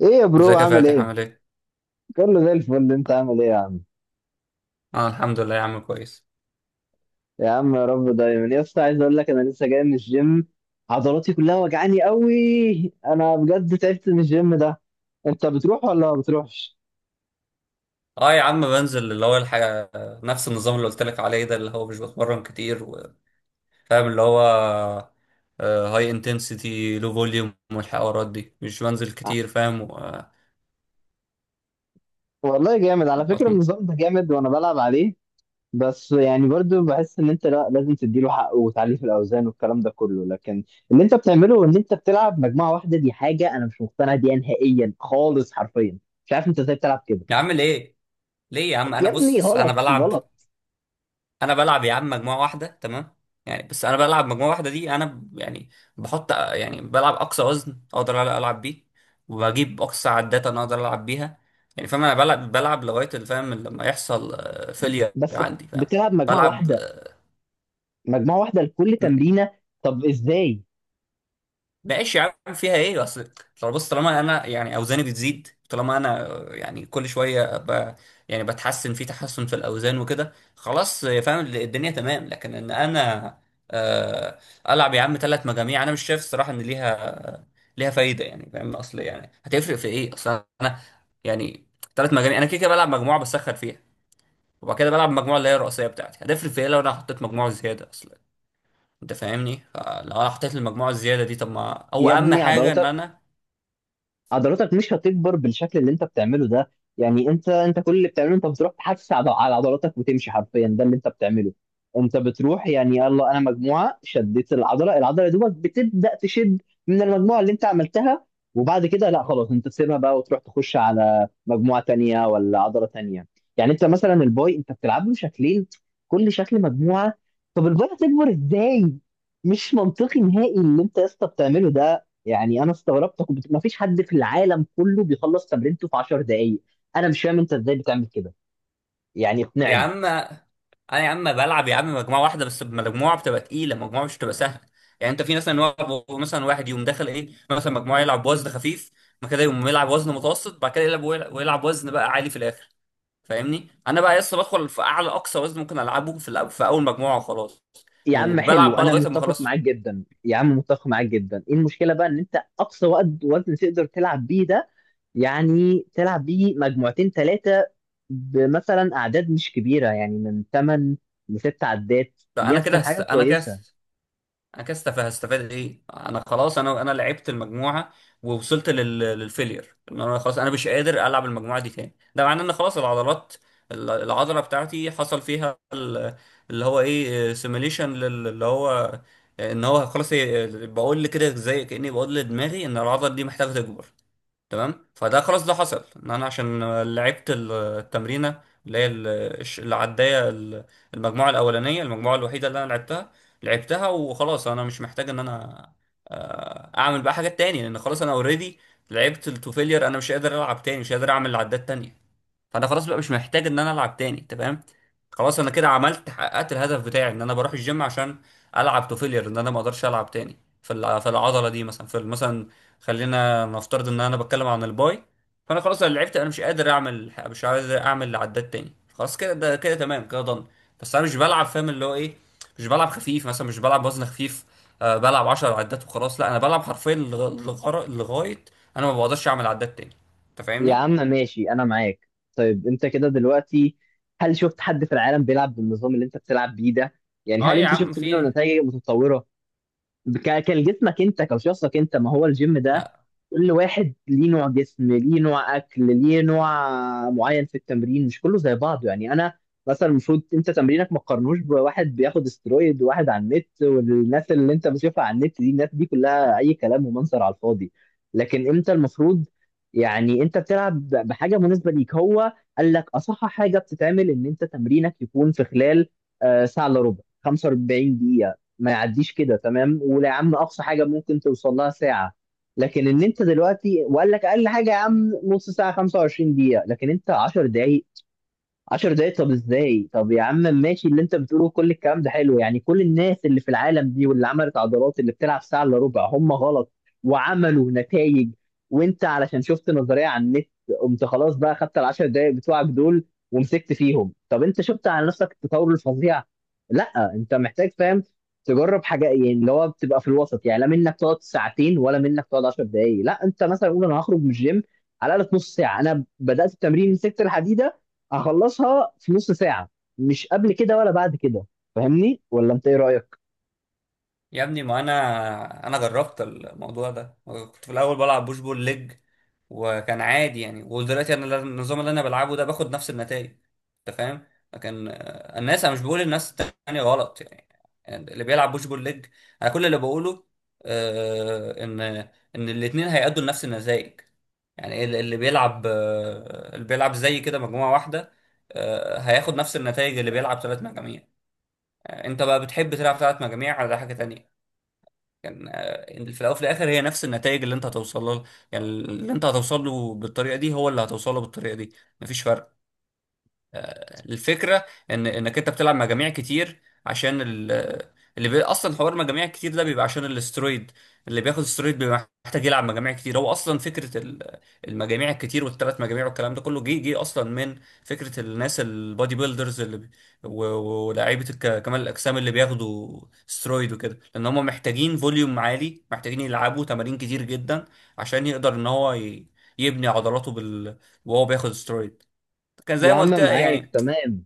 ايه يا برو ازيك يا عامل فاتح ايه؟ عامل ايه؟ كله زي الفل، انت عامل ايه يا عم؟ اه، الحمد لله يا عم كويس. يا عم يا رب دايما، يا اسطى عايز اقول لك انا لسه جاي من الجيم. عضلاتي كلها وجعاني قوي، انا بجد تعبت من الجيم ده. انت بتروح ولا ما بتروحش؟ اه يا عم بنزل اللي هو الحاجة، نفس النظام اللي قلت لك عليه ده، اللي هو مش بتمرن كتير فاهم اللي هو، هاي انتنسيتي لو فوليوم والحوارات دي مش بنزل ع- كتير فاهم و... آه، والله جامد على فكرة، بتم- النظام ده جامد وانا بلعب عليه. بس يعني برضو بحس ان انت لا، لازم تديله حقه وتعليه في الاوزان والكلام ده كله. لكن اللي انت بتعمله ان انت بتلعب مجموعة واحدة، دي حاجة انا مش مقتنع بيها نهائيا خالص حرفيا. مش عارف انت ازاي بتلعب كده، يا عم ليه؟ ليه يا عم، انا يا ابني بص انا غلط بلعب، غلط. انا بلعب يا عم مجموعه واحده تمام، يعني بس انا بلعب مجموعه واحده دي انا يعني بحط يعني بلعب اقصى وزن اقدر العب بيه، وبجيب اقصى عدات انا اقدر العب بيها. يعني فاهم انا بلعب لغايه اللي فاهم لما يحصل فيلير بس عندي، فاهم. بتلعب مجموعه بلعب، واحده، مجموعه واحده لكل تمرينه، طب ازاي؟ ماشي يا عم، فيها ايه؟ اصل طالما بص، طالما انا يعني اوزاني بتزيد، طالما انا يعني كل شويه يعني بتحسن، في تحسن في الاوزان وكده، خلاص فاهم الدنيا تمام. لكن ان انا آه، العب يا عم ثلاث مجاميع، انا مش شايف الصراحه ان ليها فايده، يعني فاهم اصل، يعني هتفرق في ايه؟ اصل انا يعني ثلاث مجاميع انا كده كده بلعب مجموعه بسخن فيها، وبعد كده بلعب المجموعه اللي هي الرئيسيه بتاعتي، هتفرق في ايه لو انا حطيت مجموعه زياده؟ اصل انت فاهمني، فلو انا حطيت المجموعه الزياده دي، طب ما او يا اهم ابني حاجه ان انا عضلاتك مش هتكبر بالشكل اللي انت بتعمله ده. يعني انت كل اللي بتعمله، انت بتروح تحفز على عضلاتك وتمشي حرفيا، ده اللي انت بتعمله. انت بتروح يعني يلا، انا مجموعه شديت العضله، العضله يا دوبك بتبدا تشد من المجموعه اللي انت عملتها، وبعد كده لا خلاص، انت تسيبها بقى وتروح تخش على مجموعه تانية ولا عضله تانية. يعني انت مثلا الباي، انت بتلعب له شكلين، كل شكل مجموعه، طب الباي هتكبر ازاي؟ مش منطقي نهائي اللي انت يا اسطى بتعمله ده. يعني انا استغربت، كنت ما فيش حد في العالم كله بيخلص تمرينته في 10 دقائق. انا مش فاهم انت ازاي بتعمل كده، يعني يا اقنعني. عم، انا يا عم بلعب يا عم مجموعه واحده، بس مجموعه بتبقى تقيله، مجموعه مش بتبقى سهله. يعني انت في مثلا واحد، مثلا واحد يقوم داخل ايه، مثلا مجموعه يلعب وزن خفيف، بعد كده يقوم يلعب وزن متوسط، بعد كده يلعب ويلعب وزن بقى عالي في الاخر. فاهمني، انا بقى لسه بدخل في اعلى اقصى وزن ممكن العبه في في اول مجموعه وخلاص. يا عم وبلعب حلو، بقى انا لغايه ما متفق خلاص، معاك جدا يا عم، متفق معاك جدا. ايه المشكله بقى ان انت اقصى وقت وزن تقدر تلعب بيه ده، يعني تلعب بيه مجموعتين ثلاثه، بمثلا اعداد مش كبيره، يعني من 8 ل 6 عدات، ده دي انا كده هتكون حاجه انا كده كويسه. انا كده هستفاد ايه؟ انا خلاص، انا لعبت المجموعه ووصلت للفيلير، ان انا خلاص انا مش قادر العب المجموعه دي تاني. ده معناه ان خلاص العضلات، العضله بتاعتي حصل فيها اللي هو ايه، سيميليشن اللي هو، ان هو خلاص بقول لي كده، زي كاني بقول لدماغي ان العضله دي محتاجه تكبر، تمام. فده خلاص ده حصل، ان انا عشان لعبت التمرينه اللي هي الش- اللي عدايه ال- المجموعه الاولانيه، المجموعه الوحيده اللي انا لعبتها، لعبتها وخلاص. انا مش محتاج ان انا اعمل بقى حاجات تاني، لان خلاص انا اوريدي لعبت التو فيلير، انا مش قادر العب تاني، مش قادر اعمل عدات تانية. فانا خلاص بقى مش محتاج ان انا العب تاني، تمام. خلاص انا كده عملت، حققت الهدف بتاعي ان انا بروح الجيم عشان العب تو فيلير، ان انا ما اقدرش العب تاني في في العضله دي، مثلا في مثلا خلينا نفترض ان انا بتكلم عن الباي، فانا خلاص انا لعبت، انا مش قادر اعمل، مش عايز اعمل عدات تاني، خلاص كده، ده كده تمام، كده ضن. بس انا مش بلعب، فاهم اللي هو ايه، مش بلعب خفيف مثلا، مش بلعب وزن خفيف، أه بلعب 10 عدات وخلاص، لا انا بلعب حرفيا لغايه انا ما بقدرش اعمل عدات تاني، انت يا فاهمني. عم ماشي انا معاك. طيب انت كده دلوقتي، هل شفت حد في العالم بيلعب بالنظام اللي انت بتلعب بيه ده؟ يعني اه هل يا انت عم، شفت في منه ايه؟ نتائج متطورة؟ كان جسمك انت، كشخصك انت، ما هو الجيم ده، لا، كل واحد ليه نوع جسم، ليه نوع اكل، ليه نوع معين في التمرين، مش كله زي بعضه. يعني انا مثلا، المفروض انت تمرينك ما تقارنوش بواحد بياخد استرويد، وواحد على النت، والناس اللي انت بتشوفها على النت دي، الناس دي كلها اي كلام ومنظر على الفاضي. لكن انت المفروض يعني، انت بتلعب بحاجه مناسبه ليك هو. قال لك اصح حاجه بتتعمل ان انت تمرينك يكون في خلال ساعه الا ربع، 45 دقيقه. ما يعديش كده، تمام؟ ولا يا عم اقصى حاجه ممكن توصل لها ساعه. لكن ان انت دلوقتي، وقال لك اقل حاجه يا عم نص ساعه، 25 دقيقه، لكن انت 10 دقائق. 10 دقايق، طب ازاي؟ طب يا عم ماشي، اللي انت بتقوله كل الكلام ده حلو، يعني كل الناس اللي في العالم دي واللي عملت عضلات، اللي بتلعب ساعة الا ربع، هم غلط وعملوا نتائج؟ وانت علشان شفت نظرية على النت، قمت خلاص بقى خدت ال 10 دقايق بتوعك دول ومسكت فيهم. طب انت شفت على نفسك التطور الفظيع؟ لا، انت محتاج فاهم تجرب حاجة، يعني اللي هو بتبقى في الوسط، يعني لا منك تقعد ساعتين، ولا منك تقعد 10 دقايق. لا، انت مثلا قول انا هخرج من الجيم على الاقل نص ساعة، انا بدأت التمرين، مسكت الحديدة، هخلصها في نص ساعة، مش قبل كده ولا بعد كده. فاهمني ولا انت ايه رأيك؟ يا ابني ما انا جربت الموضوع ده، كنت في الاول بلعب بوش بول ليج، وكان عادي يعني. ودلوقتي انا النظام اللي انا بلعبه ده باخد نفس النتائج، انت فاهم، لكن الناس، انا مش بقول الناس التانية غلط، يعني يعني اللي بيلعب بوش بول ليج، انا كل اللي بقوله آه، ان ان الاتنين هيأدوا لنفس النتائج. يعني اللي بيلعب زي كده مجموعة واحدة، هياخد نفس النتائج اللي بيلعب ثلاث مجاميع، انت بقى بتحب تلعب ثلاث مجاميع على حاجة تانية، كان في الاول وفي الاخر هي نفس النتائج اللي انت هتوصل له. يعني اللي انت هتوصل له بالطريقه دي هو اللي هتوصل له بالطريقه دي، مفيش فرق. الفكره ان انك انت بتلعب مجاميع كتير عشان اصلا حوار مجاميع كتير ده بيبقى عشان الاسترويد. اللي بياخد استرويد بيبقى محتاج يلعب مجاميع كتير. هو اصلا فكره المجاميع الكتير والثلاث مجاميع والكلام ده كله جه اصلا من فكره الناس البادي بيلدرز اللي بي... و... و- ولاعيبه كمال الاجسام اللي بياخدوا استرويد وكده، لان هم محتاجين فوليوم عالي، محتاجين يلعبوا تمارين كتير جدا عشان يقدر ان هو يبني عضلاته وهو بياخد استرويد، كان زي يا ما قلت عم معاك يعني. تمام،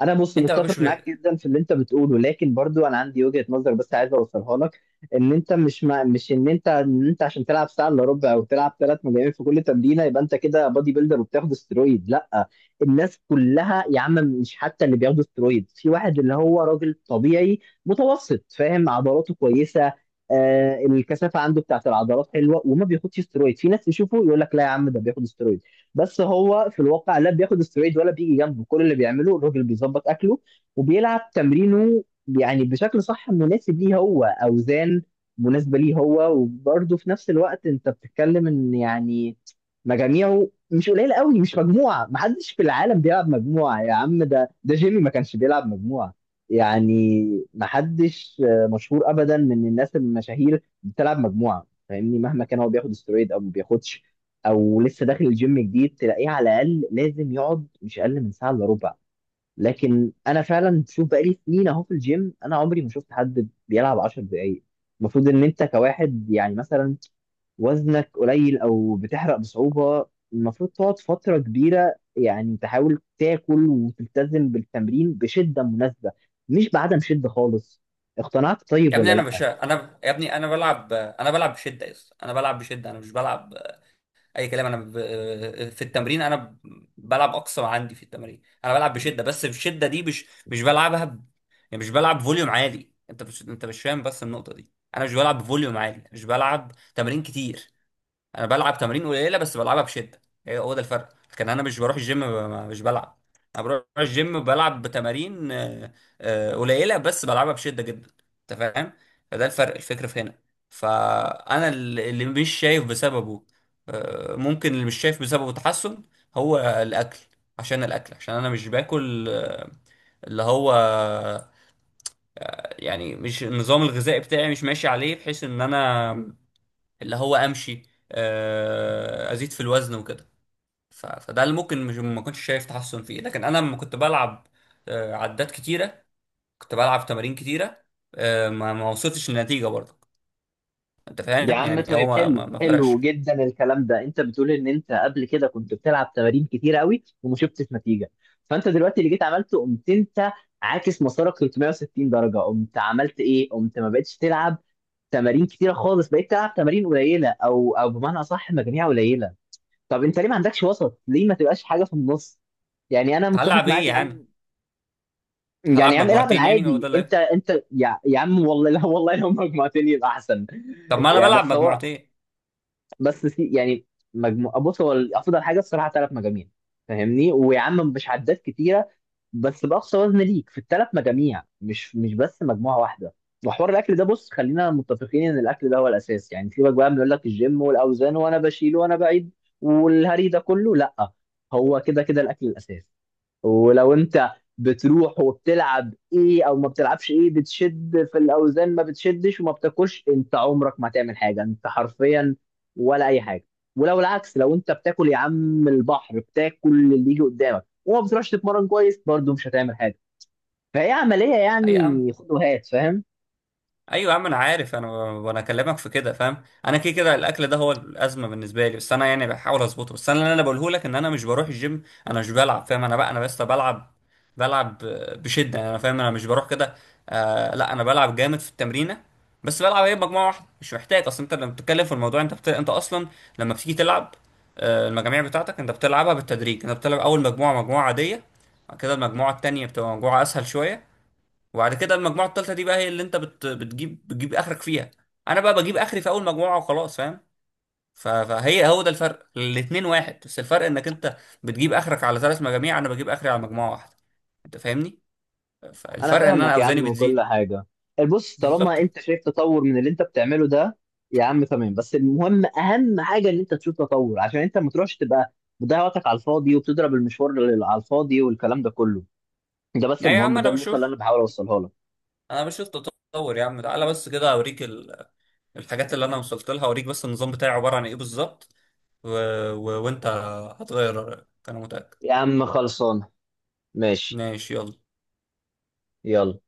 انا بص انت ما بش متفق معاك جدا في اللي انت بتقوله، لكن برضو انا عندي وجهة نظر، بس عايز اوصلها لك. ان انت مش مع... مش ان انت، ان انت عشان تلعب ساعه الا ربع او تلعب ثلاث مجاميع في كل تمرينه، يبقى انت كده بادي بيلدر وبتاخد استرويد؟ لا. الناس كلها يا عم، مش حتى اللي بياخدوا استرويد، في واحد اللي هو راجل طبيعي متوسط، فاهم، عضلاته كويسه، آه الكثافه عنده بتاعت العضلات حلوه، وما بياخدش استرويد. في ناس يشوفه يقول لك لا يا عم ده بياخد استرويد، بس هو في الواقع لا بياخد استرويد ولا بيجي جنبه. كل اللي بيعمله الراجل بيظبط اكله، وبيلعب تمرينه يعني بشكل صح مناسب ليه هو، اوزان مناسبه ليه هو. وبرده في نفس الوقت انت بتتكلم ان يعني، مجاميعه مش قليله قوي، مش مجموعه. محدش في العالم بيلعب مجموعه يا عم، ده جيمي ما كانش بيلعب مجموعه. يعني محدش مشهور ابدا من الناس المشاهير بتلعب مجموعه، فاهمني؟ مهما كان هو بياخد استرويد او ما بياخدش، او لسه داخل الجيم جديد، تلاقيه على الاقل لازم يقعد مش اقل من ساعه الا ربع. لكن انا فعلا شوف، بقالي سنين اهو في الجيم، انا عمري ما شفت حد بيلعب 10 دقائق. المفروض ان انت كواحد يعني، مثلا وزنك قليل او بتحرق بصعوبه، المفروض تقعد فتره كبيره، يعني تحاول تاكل وتلتزم بالتمرين بشده مناسبه، مش بعدم شده خالص. اقتنعت طيب ولا لا؟ يا ابني انا بلعب، انا بشده، يا اسطى انا بلعب بشده، انا مش بلعب اي كلام، انا ب... في التمرين انا ب... بلعب اقصى ما عندي في التمرين، انا بلعب بشده، بس الشده دي مش بلعبها يعني مش بلعب فوليوم عالي، انت مش فاهم بس النقطه دي، انا مش بلعب بفوليوم عالي، مش بلعب تمارين كتير، انا بلعب تمارين قليله بس بلعبها بشده. هي هو ده الفرق، لكن انا مش بروح الجيم مش بلعب، انا بروح الجيم بلعب بتمارين قليله بس بلعبها بشده جدا، انت فاهم. فده الفرق الفكر في هنا. فانا اللي مش شايف بسببه ممكن اللي مش شايف بسببه تحسن هو الاكل، عشان الاكل، عشان انا مش باكل، آه، اللي هو يعني مش النظام الغذائي بتاعي مش ماشي عليه، بحيث ان انا اللي هو امشي، ازيد في الوزن وكده. فده اللي ممكن مش، ما كنتش شايف تحسن فيه. لكن انا لما كنت بلعب، عدات كتيره، كنت بلعب تمارين كتيره، ما وصلتش للنتيجه برضه، انت يا فاهم، عم يعني هو طيب، حلو ما فرقش. حلو جدا الكلام ده. انت بتقول ان انت قبل كده كنت بتلعب تمارين كتير قوي وما شفتش نتيجه، فانت دلوقتي اللي جيت عملته، قمت انت عاكس مسارك 360 درجه، قمت عملت ايه، قمت ما بقتش تلعب تمارين كتيره خالص، بقيت تلعب تمارين قليله، او بمعنى اصح مجاميع قليله. طب انت ليه ما عندكش وسط، ليه ما تبقاش حاجه في النص؟ يعني انا متفق هلعب ايه معاك يا عم. يعني؟ هلعب يعني يا عم العب مجموعتين يعني، هو ده العادي. انت اللي، انت يا عم، والله لا والله لو مجموعتين يبقى احسن. طب ما انا يعني بلعب بس هو، مجموعتين. بس سي يعني، مجموعة، بص هو افضل حاجه الصراحه ثلاث مجاميع، فاهمني؟ ويا عم مش عدات كتيره، بس باقصى وزن ليك في الثلاث مجاميع، مش بس مجموعه واحده. وحوار الاكل ده بص، خلينا متفقين ان الاكل ده هو الاساس، يعني سيبك بقى من يقول لك الجيم والاوزان وانا بشيل وانا بعيد والهري ده كله، لا. هو كده كده الاكل الاساس. ولو انت بتروح وبتلعب ايه، او ما بتلعبش ايه، بتشد في الاوزان ما بتشدش وما بتاكلش، انت عمرك ما تعمل حاجه، انت حرفيا ولا اي حاجه. ولو العكس، لو انت بتاكل يا عم البحر، بتاكل اللي يجي قدامك وما بتروحش تتمرن كويس، برضه مش هتعمل حاجه. فهي عمليه اي يا عم، يعني، خد وهات، فاهم؟ ايوه يا عم انا عارف، انا وانا اكلمك في كده فاهم، انا كده كده الاكل ده هو الازمه بالنسبه لي، بس انا يعني بحاول اظبطه. بس انا اللي انا بقوله لك ان انا مش بروح الجيم، انا مش بلعب، فاهم، انا بقى انا بس بلعب، بلعب بشده يعني، انا فاهم، انا مش بروح كده. آه لا، انا بلعب جامد في التمرينه، بس بلعب ايه، مجموعه واحده، مش محتاج. اصلا انت لما بتتكلم في الموضوع انت انت اصلا لما بتيجي تلعب آه المجاميع بتاعتك، انت بتلعبها بالتدريج، انت بتلعب اول مجموعه مجموعه عاديه، بعد كده المجموعه التانيه بتبقى مجموعه اسهل شويه، وبعد كده المجموعه الثالثه دي بقى هي اللي انت بت... بتجيب بتجيب اخرك فيها. انا بقى بجيب اخري في اول مجموعه وخلاص، فاهم، فهي هو ده الفرق الاتنين، واحد بس الفرق انك انت بتجيب اخرك على ثلاث مجاميع، انا بجيب اخري على مجموعه واحده، انت فاهمني. انا فالفرق ان انا فاهمك يا اوزاني عم وكل بتزيد، حاجه، بص، طالما بالظبط. انت شايف تطور من اللي انت بتعمله ده يا عم، تمام، بس المهم اهم حاجه ان انت تشوف تطور، عشان انت ما تروحش تبقى بتضيع وقتك على الفاضي وبتضرب المشوار على الفاضي والكلام ده كله. ده بس يعني يا المهم، عم ده انا النقطه اللي بشوف، انا بحاول اوصلها لك. انا بشوف تطور يا عم، تعالى بس كده اوريك الحاجات اللي انا وصلت لها، اوريك بس النظام بتاعي عباره عن ايه بالظبط، و... وانت هتغير رايك، انا متاكد. يا عم خلصان، ماشي. ماشي يلا. يلا.